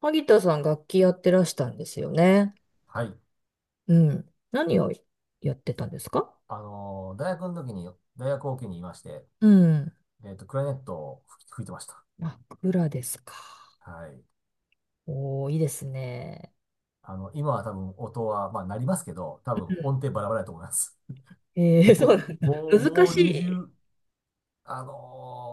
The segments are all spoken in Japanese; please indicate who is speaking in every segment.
Speaker 1: 萩田さん楽器やってらしたんですよね。
Speaker 2: はい。
Speaker 1: うん。何をやってたんですか？
Speaker 2: 大学の時に、大学を機にいまして、
Speaker 1: うん。
Speaker 2: クラリネットを吹いてました。
Speaker 1: 枕ですか。
Speaker 2: はい。
Speaker 1: おー、いいですね。
Speaker 2: 今は多分音は、まあ、なりますけど、多分音程バラバラだと思います。
Speaker 1: うんそ
Speaker 2: も
Speaker 1: うなん
Speaker 2: う、
Speaker 1: だ。
Speaker 2: もう、
Speaker 1: 難
Speaker 2: も
Speaker 1: し
Speaker 2: う、にじゅ
Speaker 1: い。
Speaker 2: うあの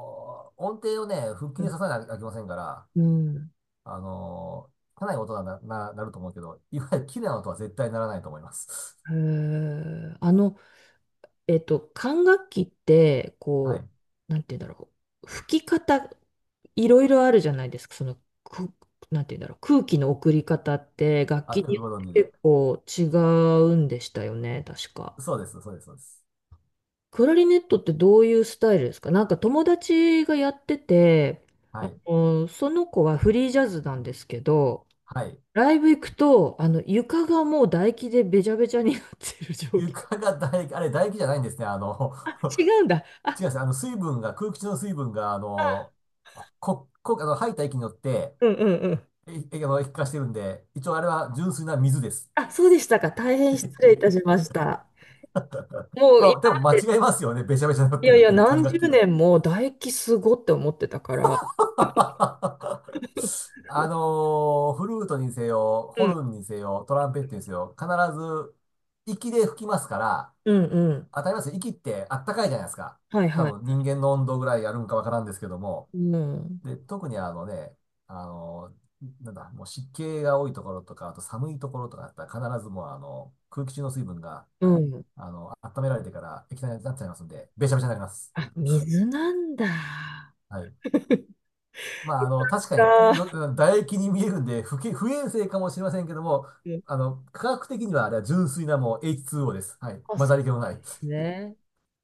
Speaker 2: ー音程をね、腹
Speaker 1: う
Speaker 2: 筋で刺
Speaker 1: ん。
Speaker 2: さなきゃいけませんから、
Speaker 1: うん。
Speaker 2: あのーかなり音がなると思うけど、いわゆる綺麗な音は絶対ならないと思います。
Speaker 1: へ ー。管楽器って、
Speaker 2: はい。
Speaker 1: なんて言うんだろう。吹き方、いろいろあるじゃないですか。く、なんて言うんだろう。空気の送り方って、楽
Speaker 2: あ、
Speaker 1: 器
Speaker 2: よく
Speaker 1: によ
Speaker 2: ご
Speaker 1: っ
Speaker 2: 存知
Speaker 1: て
Speaker 2: で。
Speaker 1: 結構違うんでしたよね、確か。
Speaker 2: そうです、そうです、そうです。
Speaker 1: クラリネットってどういうスタイルですか？なんか友達がやってて、
Speaker 2: はい。
Speaker 1: その子はフリージャズなんですけど、
Speaker 2: はい。
Speaker 1: ライブ行くと、床がもう唾液でべちゃべちゃになってる状況。
Speaker 2: 床が唾液、あれ唾液じゃないんですね。
Speaker 1: あ、違うんだ。
Speaker 2: 違
Speaker 1: あ、
Speaker 2: います。あの、水分が、空気中の水分が、あ
Speaker 1: あ、
Speaker 2: の、こ、こ、あの、吐いた息によって、
Speaker 1: うんうんうん。
Speaker 2: 液化してるんで、一応あれは純粋な水です。
Speaker 1: あ、そうでしたか。大変失礼いたし ました。もう
Speaker 2: ま
Speaker 1: 今
Speaker 2: あ、でも
Speaker 1: ま
Speaker 2: 間
Speaker 1: で、
Speaker 2: 違いますよね。べちゃべちゃになっ
Speaker 1: い
Speaker 2: て
Speaker 1: やい
Speaker 2: るっ
Speaker 1: や、
Speaker 2: て、管
Speaker 1: 何十
Speaker 2: 楽器は。
Speaker 1: 年も唾液すごって思ってたから。
Speaker 2: フルートにせよ、
Speaker 1: う
Speaker 2: ホ
Speaker 1: ん、
Speaker 2: ルンにせよ、トランペットにせよ、必ず、息で吹きますから、
Speaker 1: うん、うん。
Speaker 2: 当たりますよ。息ってあったかいじゃないですか。
Speaker 1: はい
Speaker 2: 多
Speaker 1: はい。
Speaker 2: 分人間の温度ぐらいやるんかわからんですけども。
Speaker 1: うん、
Speaker 2: で、特にあのね、あの、なんだ、もう湿気が多いところとか、あと寒いところとかだったら必ずもう空気中の水分が、
Speaker 1: う
Speaker 2: はい、
Speaker 1: ん。
Speaker 2: 温められてから液体になっちゃいますんで、べちゃべちゃになります。
Speaker 1: あ、水なんだ。
Speaker 2: はい。まあ、確か
Speaker 1: か。
Speaker 2: によ、唾液に見えるんで、不衛生かもしれませんけども、
Speaker 1: うん、
Speaker 2: 科学的にはあれは純粋なもう H2O です。はい。
Speaker 1: あ、
Speaker 2: 混
Speaker 1: そ
Speaker 2: ざり気もな
Speaker 1: う
Speaker 2: い。
Speaker 1: ですね。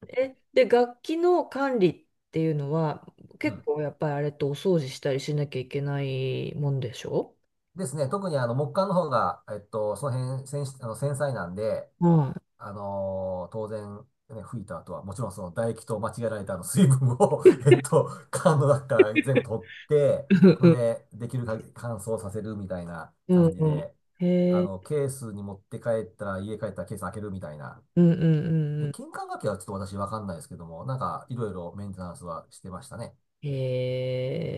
Speaker 1: で、楽器の管理っていうのは、
Speaker 2: う
Speaker 1: 結
Speaker 2: ん。
Speaker 1: 構やっぱりあれとお掃除したりしなきゃいけないもんでしょ？
Speaker 2: ですね。特に木管の方が、その辺、繊細なんで、
Speaker 1: はい。
Speaker 2: 当然、ね、吹いた後は、もちろんその唾液と間違えられたあの水分を 缶の中から全部取って、
Speaker 1: うん
Speaker 2: ほ
Speaker 1: う
Speaker 2: ん
Speaker 1: ん。
Speaker 2: で、できる限り乾燥させるみたいな
Speaker 1: う
Speaker 2: 感
Speaker 1: ん
Speaker 2: じ
Speaker 1: うん
Speaker 2: で、
Speaker 1: へえ。
Speaker 2: ケースに持って帰ったら、家帰ったらケース開けるみたいな。
Speaker 1: うんうんうん
Speaker 2: で、
Speaker 1: う
Speaker 2: 金管楽器はちょっと私わかんないですけども、なんか、いろいろメンテナンスはしてましたね。
Speaker 1: ん。へ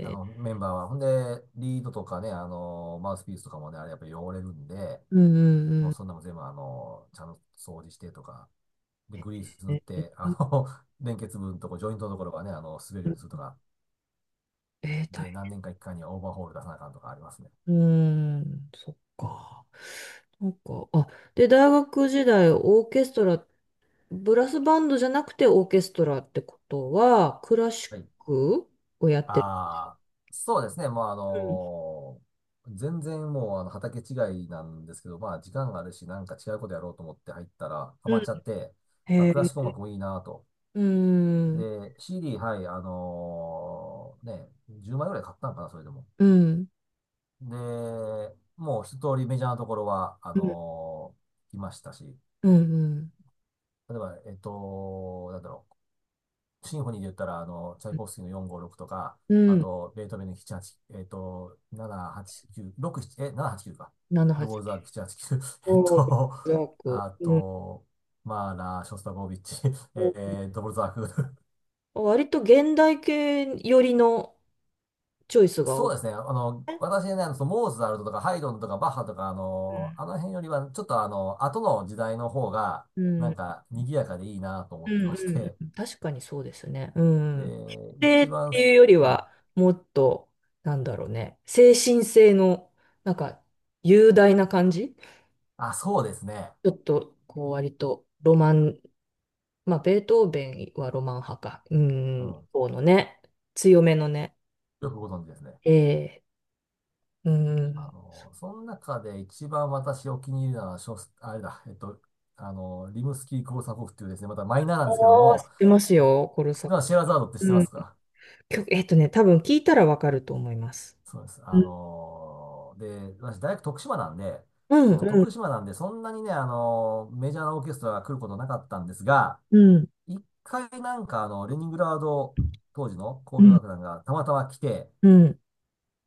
Speaker 2: あ
Speaker 1: え。
Speaker 2: の、メンバーは。ほんで、リードとかね、あのマウスピースとかもね、あれやっぱり汚れるんで、
Speaker 1: うんうんう
Speaker 2: もう
Speaker 1: ん。
Speaker 2: そんなもん全部ちゃんと掃除してとか、で、グリース塗っ
Speaker 1: え
Speaker 2: て、連結部のとこ、ジョイントのところがね、滑るようにするとか、
Speaker 1: えー、大
Speaker 2: で、何
Speaker 1: 変。
Speaker 2: 年か一回にはオーバーホール出さなあかんとかありますね。
Speaker 1: うーん、そっか。なんか、あ、で、大学時代、オーケストラブラスバンドじゃなくてオーケストラってことは、クラシ
Speaker 2: はい。
Speaker 1: ックをやってる。
Speaker 2: ああ、そうですね。まあ、
Speaker 1: うん。
Speaker 2: 全然もう、畑違いなんですけど、まあ、時間があるし、なんか違うことやろうと思って入ったら、ハ
Speaker 1: う
Speaker 2: マっ
Speaker 1: ん。
Speaker 2: ちゃって、ま
Speaker 1: へ
Speaker 2: あ、クラシック音
Speaker 1: え。
Speaker 2: 楽もいいなと。
Speaker 1: うん。
Speaker 2: で、CD、はい、ね、10枚ぐらい買ったんかな、それでも。
Speaker 1: うん。
Speaker 2: で、もう一通りメジャーなところは、
Speaker 1: うん。
Speaker 2: 来ましたし、
Speaker 1: うん。
Speaker 2: 例えば、なんだろう、シンフォニーで言ったら、チャイコフスキーの456とか、
Speaker 1: う
Speaker 2: あ
Speaker 1: ん。
Speaker 2: と、ベートーベンの78、はちえっと、789、67、きゅうろくななえ、789か。ドボルザーク789、はちきゅう えっ
Speaker 1: 78。はち、
Speaker 2: と、
Speaker 1: そう、ジャク、
Speaker 2: あ
Speaker 1: うん。
Speaker 2: と、マーラー、ショスタコービッチ、ドボルザーク。
Speaker 1: 割と現代系寄りのチョイスが多
Speaker 2: そう
Speaker 1: い。
Speaker 2: ですね。私ね、そのモーツァルトとかハイドンとかバッハとか、あの辺よりは、ちょっと後の時代の方が、
Speaker 1: うん。う
Speaker 2: なん
Speaker 1: ん。
Speaker 2: か、賑やかでいいなと思
Speaker 1: う
Speaker 2: って
Speaker 1: ん
Speaker 2: まし
Speaker 1: う
Speaker 2: て、
Speaker 1: ん確かにそうですね。うん。否定
Speaker 2: 一
Speaker 1: っ
Speaker 2: 番、
Speaker 1: ていうより
Speaker 2: うん
Speaker 1: は、もっと、なんだろうね。精神性の、なんか、雄大な感じ、
Speaker 2: あ、そうですね。
Speaker 1: ちょっと、こう、割と、ロマン、まあ、ベートーベンはロマン派か。う
Speaker 2: うん。
Speaker 1: ん、
Speaker 2: よ
Speaker 1: そのね、強めのね。
Speaker 2: くご存知ですね。
Speaker 1: ええ、うん。
Speaker 2: その中で一番私お気に入りなのは、ショスあれだ、えっと、あの、リムスキー・コルサコフっていうですね、またマイナーなんですけど
Speaker 1: おー、知
Speaker 2: も、
Speaker 1: ってますよ、コル
Speaker 2: 知っ
Speaker 1: サ。
Speaker 2: てます？シェエラザードって知ってま
Speaker 1: うん。
Speaker 2: すか？
Speaker 1: 曲、多分聞いたらわかると思います。
Speaker 2: そうです。
Speaker 1: うん、
Speaker 2: で、私大学徳島なんで、
Speaker 1: う
Speaker 2: そ
Speaker 1: ん、
Speaker 2: の
Speaker 1: うん、
Speaker 2: 徳島なんで、そんなにね、メジャーなオーケストラが来ることなかったんですが、
Speaker 1: うん、
Speaker 2: 一回なんかレニングラード当時の
Speaker 1: う
Speaker 2: 交響
Speaker 1: ん、
Speaker 2: 楽団がたまたま来て、
Speaker 1: うん、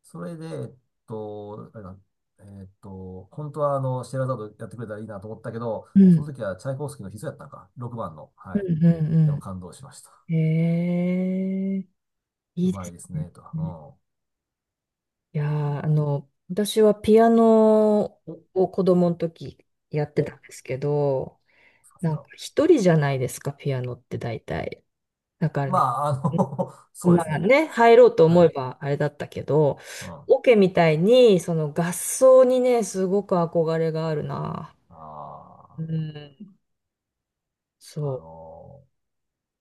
Speaker 2: それで、えっと、あれだ、えっと、本当はシェエラザードやってくれたらいいなと思ったけど、
Speaker 1: う
Speaker 2: そ
Speaker 1: ん、
Speaker 2: の時はチャイコフスキーの必須やったのか、6番の。
Speaker 1: う
Speaker 2: はい。
Speaker 1: ん
Speaker 2: でも
Speaker 1: う
Speaker 2: 感動しました。
Speaker 1: ん。へえ、い
Speaker 2: う
Speaker 1: いで
Speaker 2: まい
Speaker 1: す
Speaker 2: ですね、
Speaker 1: ね。
Speaker 2: と。
Speaker 1: いやー、私はピアノ
Speaker 2: うん。お、
Speaker 1: を子供の時やって
Speaker 2: お、
Speaker 1: たんですけど、
Speaker 2: さす
Speaker 1: なんか
Speaker 2: が。
Speaker 1: 一人じゃないですか、ピアノって大体。だから
Speaker 2: ま
Speaker 1: ね、
Speaker 2: あ、そうで
Speaker 1: ま
Speaker 2: す
Speaker 1: あ
Speaker 2: ね。
Speaker 1: ね、入ろうと
Speaker 2: は
Speaker 1: 思え
Speaker 2: い。
Speaker 1: ばあれだったけど、
Speaker 2: うん。あ
Speaker 1: オケみたいに、その合奏にね、すごく憧れがあるな。
Speaker 2: あ、
Speaker 1: うん、
Speaker 2: あ
Speaker 1: そ
Speaker 2: の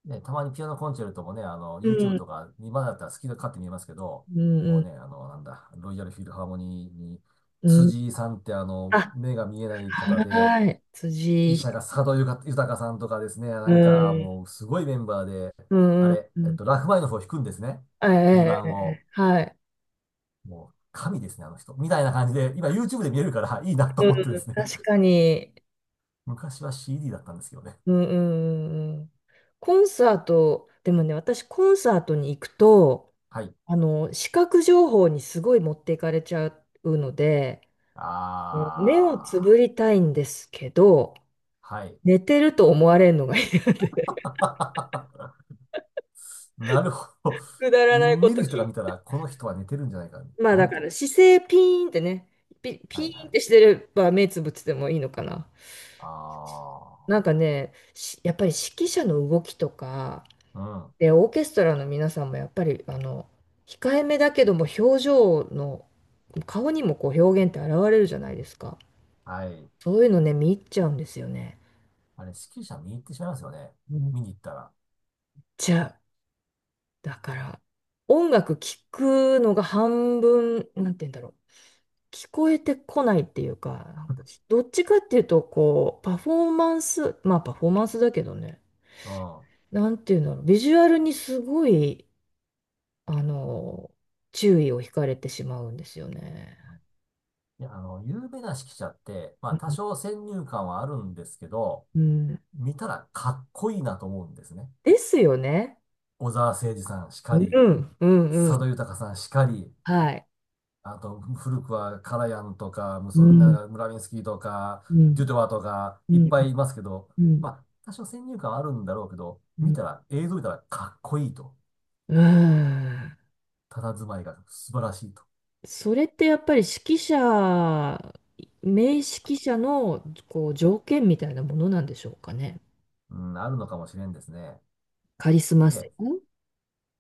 Speaker 2: ね、たまにピアノコンチェルトもね、
Speaker 1: う。う
Speaker 2: YouTube
Speaker 1: ん、
Speaker 2: とか、今だったら好きで買って見えますけど、
Speaker 1: う
Speaker 2: もう
Speaker 1: ん、
Speaker 2: ね、あの、なんだ、ロイヤルフィルハーモニーに、
Speaker 1: うん。うん、
Speaker 2: 辻井さんって
Speaker 1: あ、
Speaker 2: 目が見えない方で、
Speaker 1: はーい、
Speaker 2: 指揮者
Speaker 1: 辻。
Speaker 2: が佐渡豊さんとかですね、な
Speaker 1: う
Speaker 2: んか
Speaker 1: ん、
Speaker 2: もうすごいメンバーで、
Speaker 1: う
Speaker 2: あ
Speaker 1: ん、うん。
Speaker 2: れ、
Speaker 1: う
Speaker 2: えっ
Speaker 1: ん、
Speaker 2: と、ラフマニノフを弾くんですね。
Speaker 1: え
Speaker 2: 2
Speaker 1: え、え
Speaker 2: 番を。
Speaker 1: え、はい。
Speaker 2: もう神ですね、あの人。みたいな感じで、今 YouTube で見えるからいいなと
Speaker 1: うん、
Speaker 2: 思ってですね。
Speaker 1: 確 かに。
Speaker 2: 昔は CD だったんですけどね。
Speaker 1: うん、うん、うん。うん、コンサート、でもね、私、コンサートに行くと、
Speaker 2: はい。
Speaker 1: 視覚情報にすごい持っていかれちゃうので、うん、目をつぶ
Speaker 2: あ
Speaker 1: りたいんですけど、
Speaker 2: ー、はい。
Speaker 1: 寝てると思われるのが嫌で、
Speaker 2: なるほど。
Speaker 1: くだらないこ
Speaker 2: 見る
Speaker 1: と
Speaker 2: 人
Speaker 1: 気
Speaker 2: が
Speaker 1: に。
Speaker 2: 見たら、この人は寝てるんじゃないか。
Speaker 1: まあ
Speaker 2: な
Speaker 1: だ
Speaker 2: ん
Speaker 1: から
Speaker 2: と。
Speaker 1: 姿勢ピーンってね、ピ
Speaker 2: はい
Speaker 1: ー
Speaker 2: は
Speaker 1: ンってし
Speaker 2: い。
Speaker 1: てれば目つぶっててもいいのかな。
Speaker 2: あ
Speaker 1: なんかね、やっぱり指揮者の動きとか、
Speaker 2: ー、うん。
Speaker 1: で、オーケストラの皆さんもやっぱり、控えめだけども表情の、顔にもこう表現って現れるじゃないですか。
Speaker 2: はい。
Speaker 1: そういうのね、見入っちゃうんですよね。
Speaker 2: あれ、指揮者見に行ってしまいますよね。見に行ったら。
Speaker 1: じゃあ、だから、音楽聴くのが半分、なんて言うんだろう。聞こえてこないっていうか、なんかどっちかっていうと、こう、パフォーマンス、まあパフォーマンスだけどね、
Speaker 2: うん。
Speaker 1: なんていうんだろう。ビジュアルにすごい、あの、注意を惹かれてしまうんですよね。
Speaker 2: いや、有名な指揮者って、ま
Speaker 1: う
Speaker 2: あ、多
Speaker 1: ん。
Speaker 2: 少先入観はあるんですけど、
Speaker 1: うん、
Speaker 2: 見たらかっこいいなと思うんですね。
Speaker 1: ですよね。
Speaker 2: 小澤征爾さんしか
Speaker 1: うん、
Speaker 2: り、
Speaker 1: うん、う
Speaker 2: 佐
Speaker 1: ん。
Speaker 2: 渡裕さんしかり、
Speaker 1: はい。
Speaker 2: あと、古くはカラヤンとか、
Speaker 1: う
Speaker 2: な
Speaker 1: ん、
Speaker 2: んかムラミンスキーとか、
Speaker 1: うん、
Speaker 2: デュドワとか、
Speaker 1: う
Speaker 2: いっ
Speaker 1: ん、
Speaker 2: ぱいいますけど、
Speaker 1: うん、
Speaker 2: まあ、多少先入観はあるんだろうけど、
Speaker 1: う
Speaker 2: 見
Speaker 1: ん。
Speaker 2: たら、映像見たらかっこいいと。
Speaker 1: うん、
Speaker 2: 佇まいが素晴らしいと。
Speaker 1: それってやっぱり指揮者、名指揮者のこう条件みたいなものなんでしょうかね。
Speaker 2: うん、あるのかもしれんですね。
Speaker 1: カリスマ性。
Speaker 2: で、
Speaker 1: うん、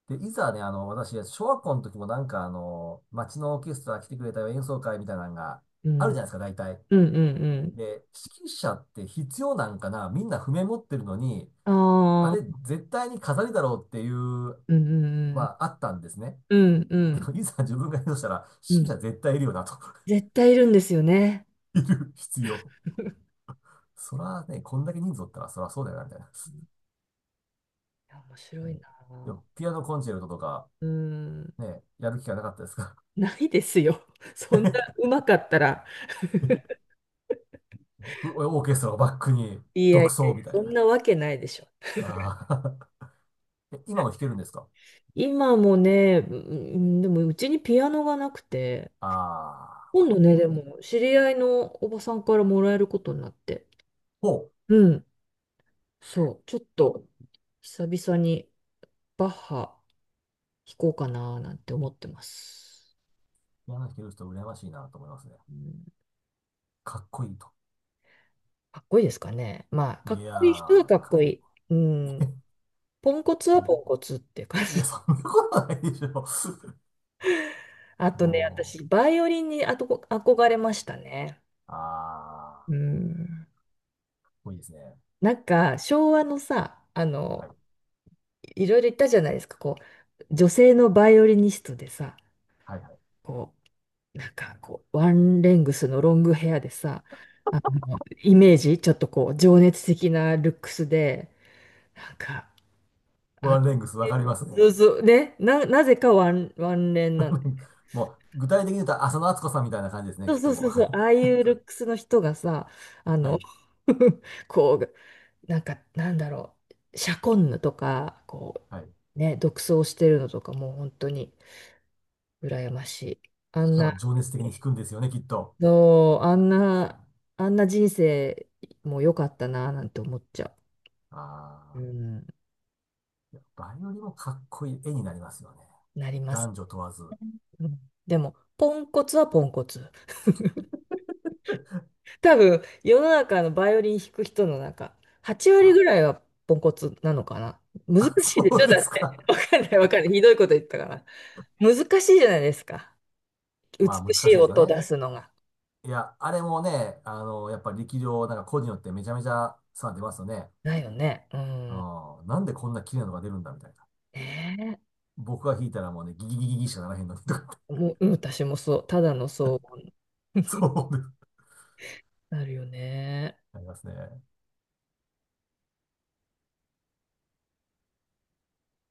Speaker 2: で、いざね、私、小学校の時もなんか、町のオーケストラ来てくれたよ演奏会みたいなのが
Speaker 1: う
Speaker 2: ある
Speaker 1: ん、
Speaker 2: じゃないですか、大体。
Speaker 1: うん、
Speaker 2: で、指揮者って必要なんかな？みんな譜面持ってるのに、
Speaker 1: う
Speaker 2: あ
Speaker 1: ん。ああ、
Speaker 2: れ絶対に飾りだろうっていう、
Speaker 1: うん、
Speaker 2: ま
Speaker 1: うん、
Speaker 2: あ、あったんですね。
Speaker 1: うん、うん、う
Speaker 2: で
Speaker 1: ん。
Speaker 2: も、いざ自分が演奏したら、
Speaker 1: う
Speaker 2: 指
Speaker 1: ん、
Speaker 2: 揮者絶対いるよなと
Speaker 1: 絶対いるんですよね。
Speaker 2: いる必要。そらね、こんだけ人数おったら、そらそうだよな、みたいな。
Speaker 1: いや、面
Speaker 2: え
Speaker 1: 白い
Speaker 2: ーで
Speaker 1: な。
Speaker 2: も、ピアノコンチェルトとか、
Speaker 1: うん、
Speaker 2: ね、やる気がなかったですか？
Speaker 1: ないですよ。そんなうまかったら。
Speaker 2: オーケストラをバックに
Speaker 1: いや
Speaker 2: 独
Speaker 1: いやい
Speaker 2: 奏
Speaker 1: や、
Speaker 2: みたい
Speaker 1: そん
Speaker 2: な。
Speaker 1: なわけないでしょ。
Speaker 2: ああ え、今も弾けるんですか？
Speaker 1: 今もね、うん、でもうちにピアノがなくて、
Speaker 2: ああー、ま
Speaker 1: 今
Speaker 2: あ、
Speaker 1: 度
Speaker 2: ピア
Speaker 1: ね、
Speaker 2: ノ
Speaker 1: で
Speaker 2: ね。
Speaker 1: も、知り合いのおばさんからもらえることになって。
Speaker 2: ほう。
Speaker 1: うん。そう。ちょっと、久々にバッハ弾こうかななんて思ってます。
Speaker 2: ピアノ弾ける人羨ましいなと思いますね。
Speaker 1: うん、
Speaker 2: かっこいいと。
Speaker 1: かっこいいですかね。まあ、か
Speaker 2: い
Speaker 1: っ
Speaker 2: や
Speaker 1: こいい人は
Speaker 2: ー、
Speaker 1: かっ
Speaker 2: かっ
Speaker 1: こいい。う
Speaker 2: け
Speaker 1: ん。
Speaker 2: え。
Speaker 1: ポンコツ
Speaker 2: う
Speaker 1: はポンコ
Speaker 2: ん
Speaker 1: ツって感
Speaker 2: いや、そ
Speaker 1: じ。
Speaker 2: んなことないでしょ。
Speaker 1: あ とね、
Speaker 2: も
Speaker 1: 私、バイオリンにあとこ憧れましたね。
Speaker 2: う、ああ、か
Speaker 1: う
Speaker 2: っ
Speaker 1: ん。
Speaker 2: こいいですね。
Speaker 1: なんか、昭和のさ、
Speaker 2: はい。
Speaker 1: いろいろ言ったじゃないですか、こう、女性のバイオリニストでさ、
Speaker 2: はいはい。
Speaker 1: こなんかこう、ワンレングスのロングヘアでさ、イメージ、ちょっとこう、情熱的なルックスで、なんか、あ、
Speaker 2: ワンレングスわかります
Speaker 1: そ
Speaker 2: ね。
Speaker 1: うそう、ね、なぜかワンレンなの。
Speaker 2: もう、具体的に言うと浅野温子さんみたいな感じですね、
Speaker 1: そ
Speaker 2: き
Speaker 1: う
Speaker 2: っ
Speaker 1: そ
Speaker 2: と
Speaker 1: う
Speaker 2: も
Speaker 1: そう
Speaker 2: う。
Speaker 1: そう、ああ いうルックスの人がさ、あ
Speaker 2: は
Speaker 1: の、
Speaker 2: い。
Speaker 1: こう、なんか、なんだろう、シャコンヌとか、こ
Speaker 2: はい。
Speaker 1: う、ね、独走してるのとか、もう本当に羨ましい。あ
Speaker 2: し
Speaker 1: ん
Speaker 2: か
Speaker 1: な
Speaker 2: も情熱的に弾くんですよね、きっと。
Speaker 1: そう、あんな人生も良かったな、なんて思っちゃ
Speaker 2: あ
Speaker 1: う。う
Speaker 2: あ、
Speaker 1: ん、
Speaker 2: いやバイオリンもかっこいい絵になりますよね。
Speaker 1: なります。
Speaker 2: 男女問わず。
Speaker 1: うん、でも、ポンコツはポンコツ。多分、世の中のバイオリン弾く人の中、8割
Speaker 2: あ、
Speaker 1: ぐらいはポンコツなのかな。難
Speaker 2: あ
Speaker 1: しいでし
Speaker 2: そ
Speaker 1: ょ
Speaker 2: うで
Speaker 1: だ
Speaker 2: す
Speaker 1: って。
Speaker 2: か。
Speaker 1: わかんない、わかんない。ひどいこと言ったから。難しいじゃないですか。
Speaker 2: まあ
Speaker 1: 美
Speaker 2: 難
Speaker 1: し
Speaker 2: し
Speaker 1: い
Speaker 2: いですよ
Speaker 1: 音を
Speaker 2: ね。
Speaker 1: 出すのが。
Speaker 2: いや、あれもね、やっぱり力量、なんか個人によってめちゃめちゃ差出ますよね。
Speaker 1: だよね。うん。
Speaker 2: うん、なんでこんな綺麗なのが出るんだみたいな。
Speaker 1: ね
Speaker 2: 僕が弾いたらもうね、ギギギギギしかならへんのにとかっ
Speaker 1: え、
Speaker 2: て、
Speaker 1: もう、うん、私もそう。ただの騒音。
Speaker 2: そうです。
Speaker 1: なるよね。
Speaker 2: ありますね。